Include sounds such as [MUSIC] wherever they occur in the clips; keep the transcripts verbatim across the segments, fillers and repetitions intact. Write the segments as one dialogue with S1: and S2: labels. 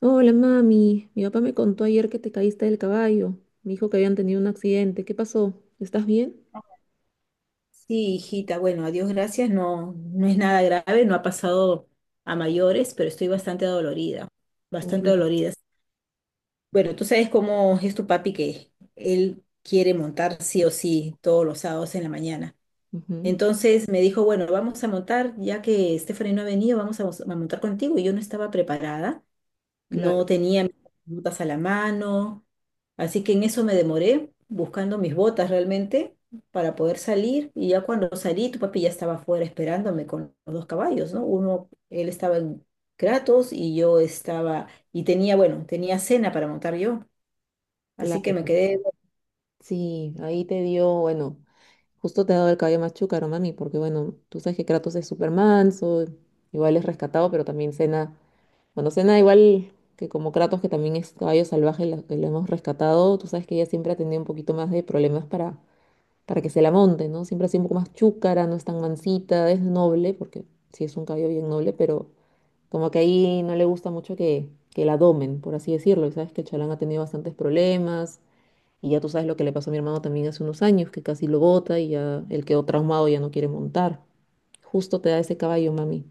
S1: Hola, mami. Mi papá me contó ayer que te caíste del caballo. Me dijo que habían tenido un accidente. ¿Qué pasó? ¿Estás bien?
S2: Sí, hijita, bueno, a Dios gracias, no, no es nada grave, no ha pasado a mayores, pero estoy bastante dolorida, bastante
S1: Uy,
S2: dolorida. Bueno, tú sabes cómo es tu papi que él quiere montar sí o sí todos los sábados en la mañana.
S1: ujú,
S2: Entonces me dijo, bueno, vamos a montar, ya que Stephanie no ha venido, vamos a, mos- a montar contigo y yo no estaba preparada, no
S1: claro,
S2: tenía mis botas a la mano, así que en eso me demoré buscando mis botas realmente para poder salir y ya cuando salí tu papi ya estaba afuera esperándome con los dos caballos, ¿no? Uno, él estaba en Kratos y yo estaba, y tenía, bueno, tenía cena para montar yo, así que me
S1: claro.
S2: quedé.
S1: Sí, ahí te dio, bueno, justo te ha dado el caballo más chúcaro, mami, porque bueno, tú sabes que Kratos es súper manso, igual es rescatado, pero también Cena, bueno, Cena igual que como Kratos, que también es caballo salvaje, la- que lo hemos rescatado, tú sabes que ella siempre ha tenido un poquito más de problemas para para que se la monte, ¿no? Siempre ha un poco más chúcara, no es tan mansita, es noble, porque sí es un caballo bien noble, pero como que ahí no le gusta mucho que, que la domen, por así decirlo. Y sabes que el Chalán ha tenido bastantes problemas, y ya tú sabes lo que le pasó a mi hermano también hace unos años, que casi lo bota y ya él quedó traumado, ya no quiere montar. Justo te da ese caballo, mami.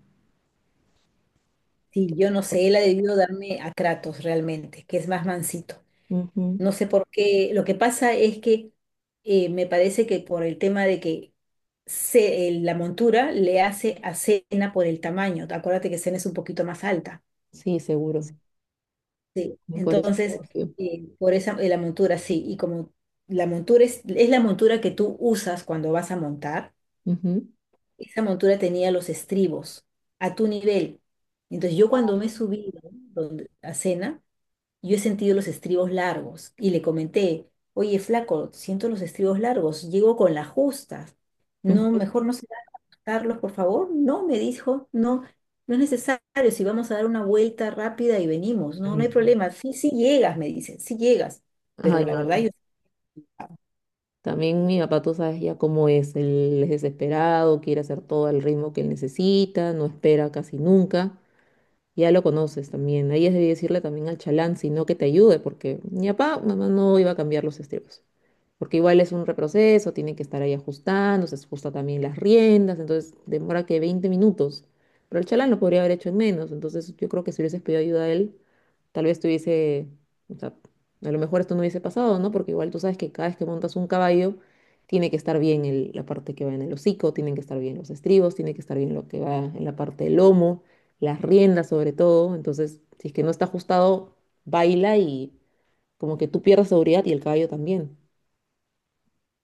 S2: Sí, yo no sé, él ha debido darme a Kratos realmente, que es más mansito.
S1: Ujú.
S2: No sé por qué. Lo que pasa es que eh, me parece que por el tema de que se- el- la montura le hace a Cena por el tamaño. Acuérdate que Cena es un poquito más alta.
S1: Sí, seguro.
S2: Sí.
S1: Por eso.
S2: Entonces, eh, por esa eh, la montura, sí. Y como la montura es, es la montura que tú usas cuando vas a montar,
S1: Ujú.
S2: esa montura tenía los estribos a tu nivel. Entonces, yo cuando me subí, ¿no? donde- a Cena, yo he sentido los estribos largos y le comenté, oye, flaco, siento los estribos largos, llego con las justas. No,
S1: Ujú.
S2: mejor no se da Carlos, por favor. No, me dijo, no, no es necesario. Si vamos a dar una vuelta rápida y venimos, no, no hay
S1: Ay,
S2: problema. Sí, sí llegas, me dice, sí llegas. Pero
S1: ay,
S2: la verdad,
S1: mami.
S2: yo...
S1: También mi papá, tú sabes ya cómo es, él es desesperado, quiere hacer todo al ritmo que él necesita, no espera casi nunca. Ya lo conoces también. Ahí es de decirle también al chalán, sino que te ayude, porque mi papá, mamá no iba a cambiar los estribos. Porque igual es un reproceso, tiene que estar ahí ajustando, se ajusta también las riendas, entonces demora que veinte minutos. Pero el chalán lo podría haber hecho en menos, entonces yo creo que si hubieses pedido ayuda a él, tal vez tuviese, o sea, a lo mejor esto no hubiese pasado, ¿no? Porque igual tú sabes que cada vez que montas un caballo, tiene que estar bien el- la parte que va en el hocico, tienen que estar bien los estribos, tiene que estar bien lo que va en la parte del lomo, las riendas sobre todo. Entonces, si es que no está ajustado, baila y como que tú pierdes seguridad y el caballo también.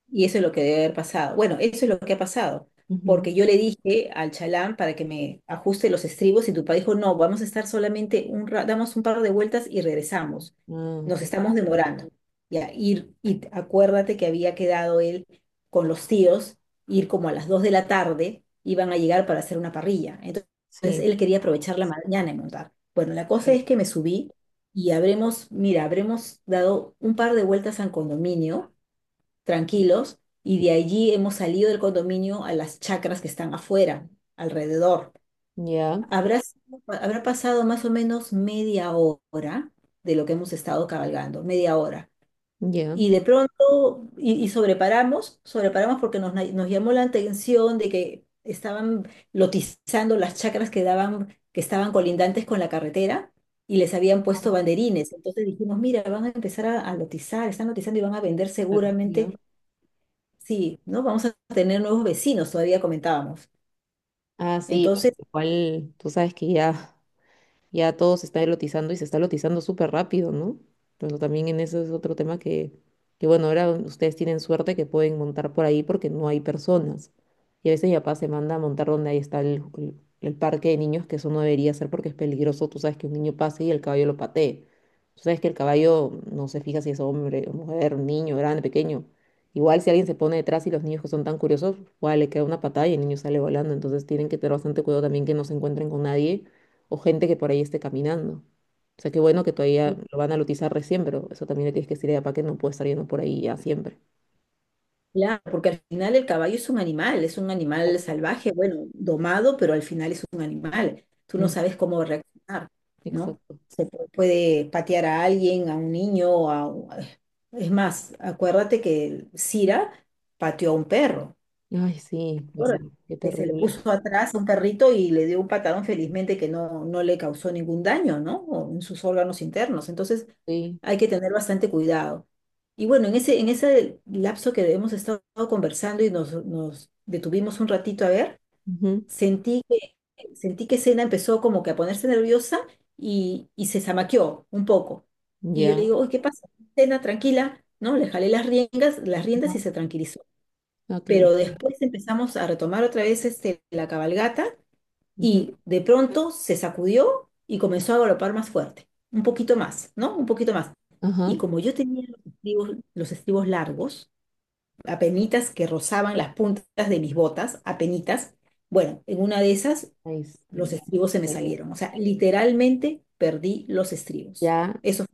S2: Y eso es lo que debe haber pasado. Bueno, eso es lo que ha pasado,
S1: Ujú.
S2: porque yo le dije al chalán para que me ajuste los estribos y tu papá dijo, no, vamos a estar solamente un rato, damos un par de vueltas y regresamos.
S1: Ah,
S2: Nos
S1: ok.
S2: estamos demorando. Ya, ir, y acuérdate que había quedado él con los tíos, ir como a las dos de la tarde, iban a llegar para hacer una parrilla. Entonces
S1: Sí.
S2: él quería aprovechar la mañana y montar. Bueno, la cosa es
S1: Claro.
S2: que me subí y habremos, mira, habremos dado un par de vueltas al condominio tranquilos, y de allí hemos salido del condominio a las chacras que están afuera, alrededor.
S1: Ya,
S2: Habrá, sido- habrá pasado más o menos media hora de lo que hemos estado cabalgando, media hora.
S1: ya,
S2: Y de pronto, y, y sobreparamos, sobreparamos porque nos, nos llamó la atención de que estaban lotizando las chacras que daban, que estaban colindantes con la carretera y les habían puesto banderines. Entonces dijimos, mira, van a empezar a, a lotizar, están lotizando y van a vender
S1: claro, ya.
S2: seguramente. Sí, ¿no? Vamos a tener nuevos vecinos, todavía comentábamos.
S1: Ah, sí, bueno,
S2: Entonces,
S1: igual tú sabes que ya. Ya todo se está elotizando y se está elotizando súper rápido, ¿no? Entonces también en eso es otro tema que, que bueno, ahora ustedes tienen suerte que pueden montar por ahí porque no hay personas. Y a veces mi papá se manda a montar donde ahí está el, el- el parque de niños, que eso no debería ser porque es peligroso. Tú sabes que un niño pase y el caballo lo patee. Tú sabes que el caballo no se fija si es hombre, o mujer, niño, grande, pequeño. Igual si alguien se pone detrás y los niños que son tan curiosos, igual le queda una patada y el niño sale volando. Entonces tienen que tener bastante cuidado también que no se encuentren con nadie o gente que por ahí esté caminando. O sea, qué bueno que todavía lo van a utilizar recién, pero eso también le tienes que decir a papá que no puede estar yendo por ahí ya siempre.
S2: claro, porque al final el caballo es un animal, es un animal
S1: Exacto.
S2: salvaje, bueno, domado, pero al final es un animal. Tú no
S1: Mm,
S2: sabes cómo reaccionar, ¿no?
S1: exacto.
S2: Se pu- puede patear a alguien, a un niño, a... u- Es más, acuérdate que Cira pateó a un perro,
S1: Ay, sí, verdad,
S2: acuérdate,
S1: qué
S2: que se le
S1: terrible.
S2: puso atrás a un perrito y le dio un patadón, felizmente que no, no le causó ningún daño, ¿no? O en sus órganos internos. Entonces,
S1: Sí.
S2: hay que tener bastante cuidado. Y bueno, en ese, en ese lapso que hemos estado conversando y nos, nos detuvimos un ratito a ver,
S1: Ujú.
S2: sentí que, sentí que Sena empezó como que a ponerse nerviosa y, y se zamaqueó un poco. Y yo le
S1: Ya.
S2: digo, uy, ¿qué pasa? Sena, tranquila, ¿no? Le jalé las riendas, las riendas y
S1: Ajá.
S2: se tranquilizó.
S1: Ah, qué bueno.
S2: Pero después empezamos a retomar otra vez este, la cabalgata
S1: Ujú.
S2: y de pronto se sacudió y comenzó a galopar más fuerte, un poquito más, ¿no? Un poquito más.
S1: Ajá.
S2: Y como yo tenía los estribos, los estribos largos, apenitas que rozaban las puntas de mis botas, apenitas, bueno, en una de esas
S1: Ay, sí,
S2: los
S1: ya.
S2: estribos se me salieron. O sea, literalmente perdí los estribos.
S1: Ya.
S2: Eso...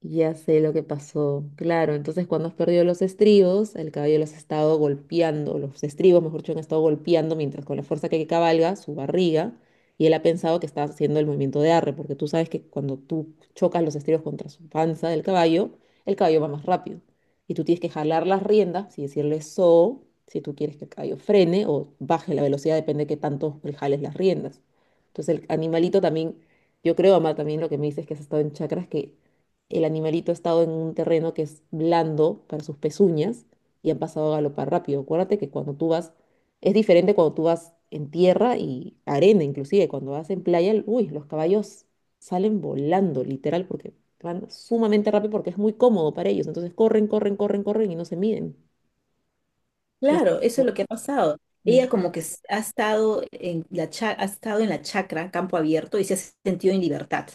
S1: Ya sé lo que pasó. Claro, entonces cuando has perdido los estribos, el caballo los ha estado golpeando, los estribos, mejor dicho, han estado golpeando mientras con la fuerza que cabalga su barriga, y él ha pensado que está haciendo el movimiento de arre, porque tú sabes que cuando tú chocas los estribos contra su panza del caballo, el caballo va más rápido. Y tú tienes que jalar las riendas y decirle so, si tú quieres que el caballo frene o baje la velocidad, depende de qué tanto le jales las riendas. Entonces el animalito también, yo creo, Amar, también lo que me dices es que has estado en chakras que el animalito ha estado en un terreno que es blando para sus pezuñas y han pasado a galopar rápido. Acuérdate que cuando tú vas, es diferente cuando tú vas en tierra y arena, inclusive cuando vas en playa, el- uy, los caballos salen volando, literal, porque van sumamente rápido porque es muy cómodo para ellos. Entonces corren, corren, corren, corren y no se miden. Que es-
S2: Claro, eso
S1: Ujú,
S2: es lo que ha pasado. Ella como que s- ha estado en la cha- ha estado en la chacra, campo abierto, y se ha sentido en libertad.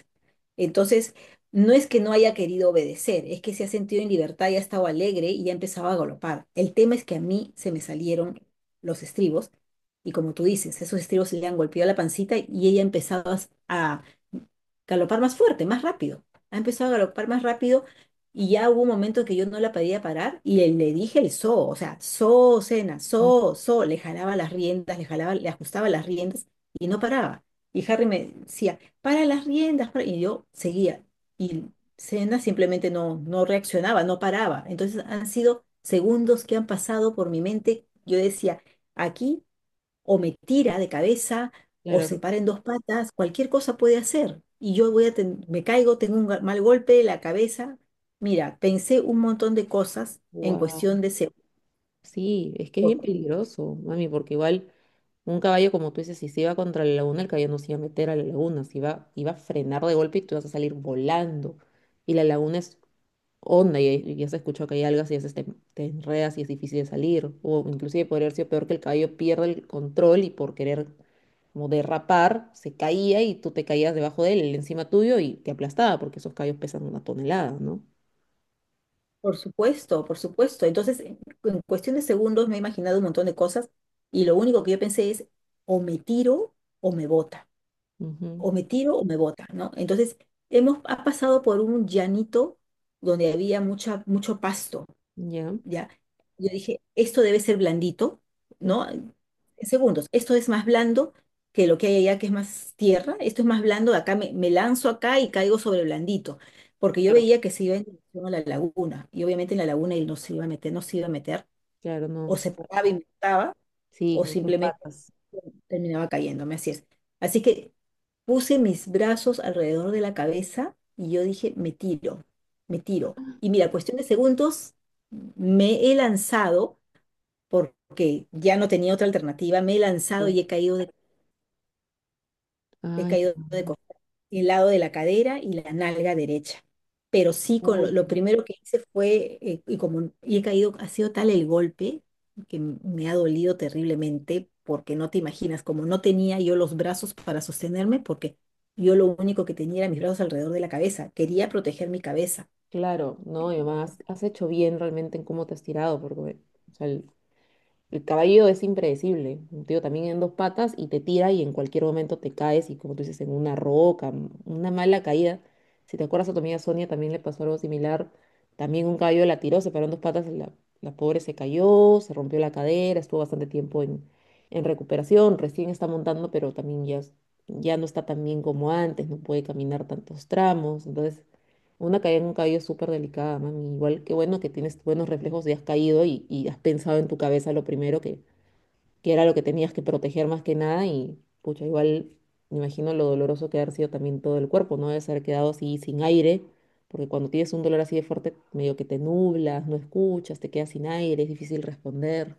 S2: Entonces, no es que no haya querido obedecer, es que se ha sentido en libertad y ha estado alegre y ya empezaba a galopar. El tema es que a mí se me salieron los estribos, y como tú dices, esos estribos le han golpeado la pancita y ella empezaba a galopar más fuerte, más rápido. Ha empezado a galopar más rápido y ya hubo un momento que yo no la podía parar y le, le dije el so, o sea, so, cena,
S1: ujú,
S2: so, so, le jalaba las riendas, le jalaba, le ajustaba las riendas y no paraba. Y Harry me decía, para las riendas, para-". Y yo seguía. Y cena simplemente no, no reaccionaba, no paraba. Entonces han sido segundos que han pasado por mi mente. Yo decía, aquí o me tira de cabeza, o
S1: claro.
S2: se para en dos patas, cualquier cosa puede hacer. Y yo voy a ten- me caigo, tengo un ga- mal golpe de la cabeza. Mira, pensé un montón de cosas en
S1: Wow.
S2: cuestión de segundos.
S1: Sí, es que es
S2: Por,
S1: bien peligroso, mami, porque igual. Un caballo, como tú dices, si se iba contra la laguna, el caballo no se iba a meter a la laguna, se iba, iba a frenar de golpe y tú vas a salir volando. Y la laguna es honda y, y ya se escuchó que hay algas y ya se te, te enredas y es difícil de salir. O inclusive podría haber sido peor que el caballo pierda el control y por querer como derrapar, se caía y tú te caías debajo de él, él encima tuyo y te aplastaba porque esos caballos pesan una tonelada, ¿no?
S2: por supuesto, por supuesto. Entonces, en, en cuestión de segundos me he imaginado un montón de cosas y lo único que yo pensé es, o me tiro o me bota,
S1: Ujú.
S2: o me tiro o me bota, ¿no? Entonces, hemos ha pasado por un llanito donde había mucha, mucho pasto.
S1: Ya.
S2: Ya. Yo dije, esto debe ser blandito,
S1: Ujú,
S2: ¿no? En segundos, esto es más blando que lo que hay allá, que es más tierra. Esto es más blando, acá me, me lanzo acá y caigo sobre blandito, porque yo
S1: claro,
S2: veía que se iba en dirección a la laguna, y obviamente en la laguna él no se iba a meter, no se iba a meter,
S1: claro,
S2: o
S1: no.
S2: se paraba y me mataba,
S1: Sí,
S2: o
S1: con tus
S2: simplemente
S1: patas.
S2: terminaba cayéndome, así es. Así que puse mis brazos alrededor de la cabeza y yo dije, me tiro, me tiro. Y mira, cuestión de segundos, me he lanzado porque ya no tenía otra alternativa, me he lanzado
S1: Claro.
S2: y he caído de, he
S1: Ay,
S2: caído de
S1: no.
S2: el lado de la cadera y la nalga derecha. Pero sí, con lo,
S1: Uy,
S2: lo primero que hice fue, eh, y como y he caído, ha sido tal el golpe que m- me ha dolido terriblemente, porque no te imaginas, como no tenía yo los brazos para sostenerme, porque yo lo único que tenía era mis brazos alrededor de la cabeza, quería proteger mi cabeza.
S1: claro, no, y además has hecho bien realmente en cómo te has tirado, porque o sea, el, el caballo es impredecible, un tío, también en dos patas y te tira y en cualquier momento te caes y como tú dices, en una roca, m- una mala caída. Si te acuerdas a tu amiga Sonia también le pasó algo similar, también un caballo la tiró, se paró en dos patas, la, la pobre se cayó, se rompió la cadera, estuvo bastante tiempo en, en recuperación, recién está montando, pero también ya, es- ya no está tan bien como antes, no puede caminar tantos tramos, entonces... Una caída en un cabello es súper delicada, mami. Igual que bueno que tienes buenos reflejos y has caído y, y has pensado en tu cabeza lo primero que, que era lo que tenías que proteger más que nada. Y pucha, igual me imagino lo doloroso que ha de haber sido también todo el cuerpo, ¿no? Debes haber quedado así sin aire, porque cuando tienes un dolor así de fuerte, medio que te nublas, no escuchas, te quedas sin aire, es difícil responder.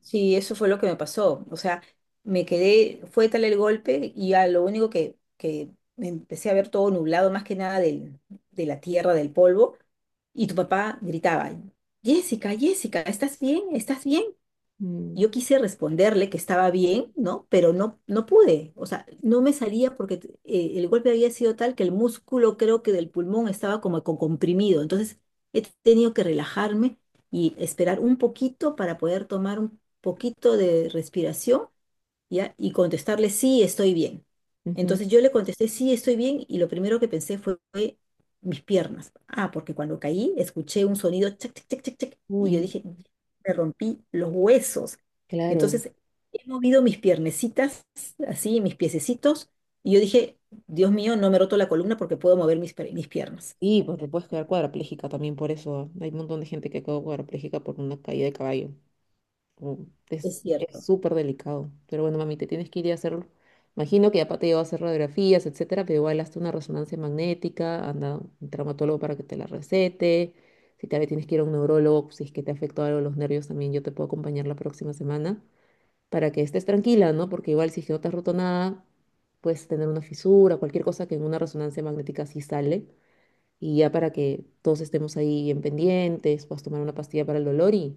S2: Sí, eso fue lo que me pasó. O sea, me quedé, fue tal el golpe y ya lo único que, que me empecé a ver todo nublado, más que nada del, de la tierra, del polvo, y tu papá gritaba, Jessica, Jessica, ¿estás bien? ¿Estás bien?
S1: Mm,
S2: Yo quise responderle que estaba bien, ¿no? Pero no, no pude, o sea, no me salía porque t- eh, el golpe había sido tal que el músculo, creo que del pulmón, estaba como con comprimido. Entonces he tenido que relajarme y esperar un poquito para poder tomar un poquito de respiración, ¿ya? Y contestarle, sí, estoy bien.
S1: ujú.
S2: Entonces yo le contesté, sí, estoy bien, y lo primero que pensé fue, fue mis piernas. Ah, porque cuando caí escuché un sonido, chac, chac, chac, chac, chac, y yo
S1: Uy,
S2: dije, me rompí los huesos.
S1: claro.
S2: Entonces he movido mis piernecitas, así, mis piececitos, y yo dije, Dios mío, no me he roto la columna porque puedo mover mis, per- mis piernas.
S1: Y pues te puedes quedar cuadraplégica también por eso. Hay un montón de gente que quedó cuadraplégica por una caída de caballo. Mm.
S2: Es
S1: Es, es
S2: cierto.
S1: súper delicado. Pero bueno, mami, te tienes que ir a hacerlo. Imagino que ya te lleva a hacer radiografías, etcétera, pero igual hazte una resonancia magnética, anda a un traumatólogo para que te la recete. Si tal vez tienes que ir a un neurólogo, si es que te afectó algo los nervios también, yo te puedo acompañar la próxima semana para que estés tranquila, ¿no? Porque igual si es que no te has roto nada, puedes tener una fisura, cualquier cosa que en una resonancia magnética sí sale. Y ya para que todos estemos ahí en pendientes, puedas tomar una pastilla para el dolor y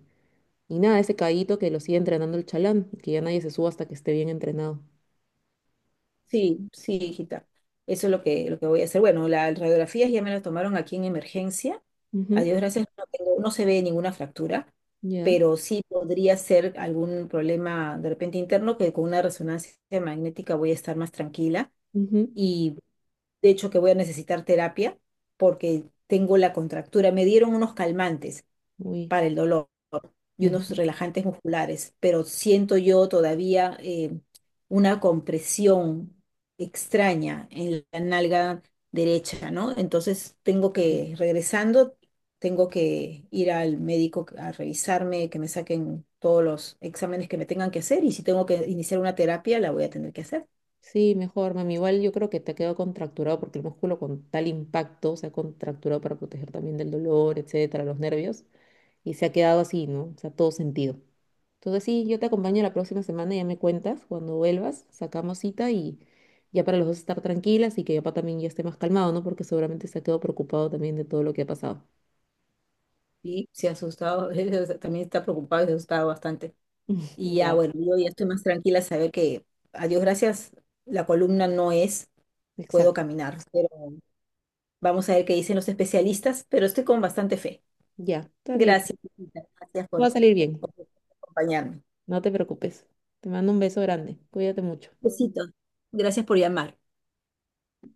S1: nada, ese caballito que lo sigue entrenando el chalán, que ya nadie se suba hasta que esté bien entrenado.
S2: Sí, sí, hijita. Eso es lo que, lo que voy a hacer. Bueno, las radiografías ya me las tomaron aquí en emergencia. A
S1: Ujú,
S2: Dios gracias, no tengo- no se ve ninguna fractura,
S1: ya.
S2: pero sí podría ser algún problema de repente interno que con una resonancia magnética voy a estar más tranquila
S1: Ujú.
S2: y de hecho que voy a necesitar terapia porque tengo la contractura. Me dieron unos calmantes
S1: Uy.
S2: para el dolor y
S1: Ujú.
S2: unos relajantes musculares, pero siento yo todavía eh, una compresión extraña en la nalga derecha, ¿no? Entonces tengo
S1: Sí,
S2: que, regresando, tengo que ir al médico a revisarme, que me saquen todos los exámenes que me tengan que hacer y si tengo que iniciar una terapia, la voy a tener que hacer.
S1: sí, mejor, mami. Igual yo creo que te ha quedado contracturado porque el músculo con tal impacto se ha contracturado para proteger también del dolor, etcétera, los nervios. Y se ha quedado así, ¿no? O sea, todo sentido. Entonces sí, yo te acompaño la próxima semana, ya me cuentas. Cuando vuelvas, sacamos cita y ya para los dos estar tranquilas y que papá también ya esté más calmado, ¿no? Porque seguramente se ha quedado preocupado también de todo lo que ha pasado.
S2: Y se ha asustado, [LAUGHS] él también está preocupado y se ha asustado bastante. Y ya,
S1: Ya.
S2: bueno, yo ya estoy más tranquila saber que, a Dios gracias, la columna no es. Puedo
S1: Exacto.
S2: caminar, pero vamos a ver qué dicen los especialistas, pero estoy con bastante fe.
S1: Ya, está bien.
S2: Gracias, Lupita, gracias
S1: Va
S2: por,
S1: a salir bien.
S2: por acompañarme.
S1: No te preocupes. Te mando un beso grande. Cuídate mucho.
S2: Besitos, gracias por llamar.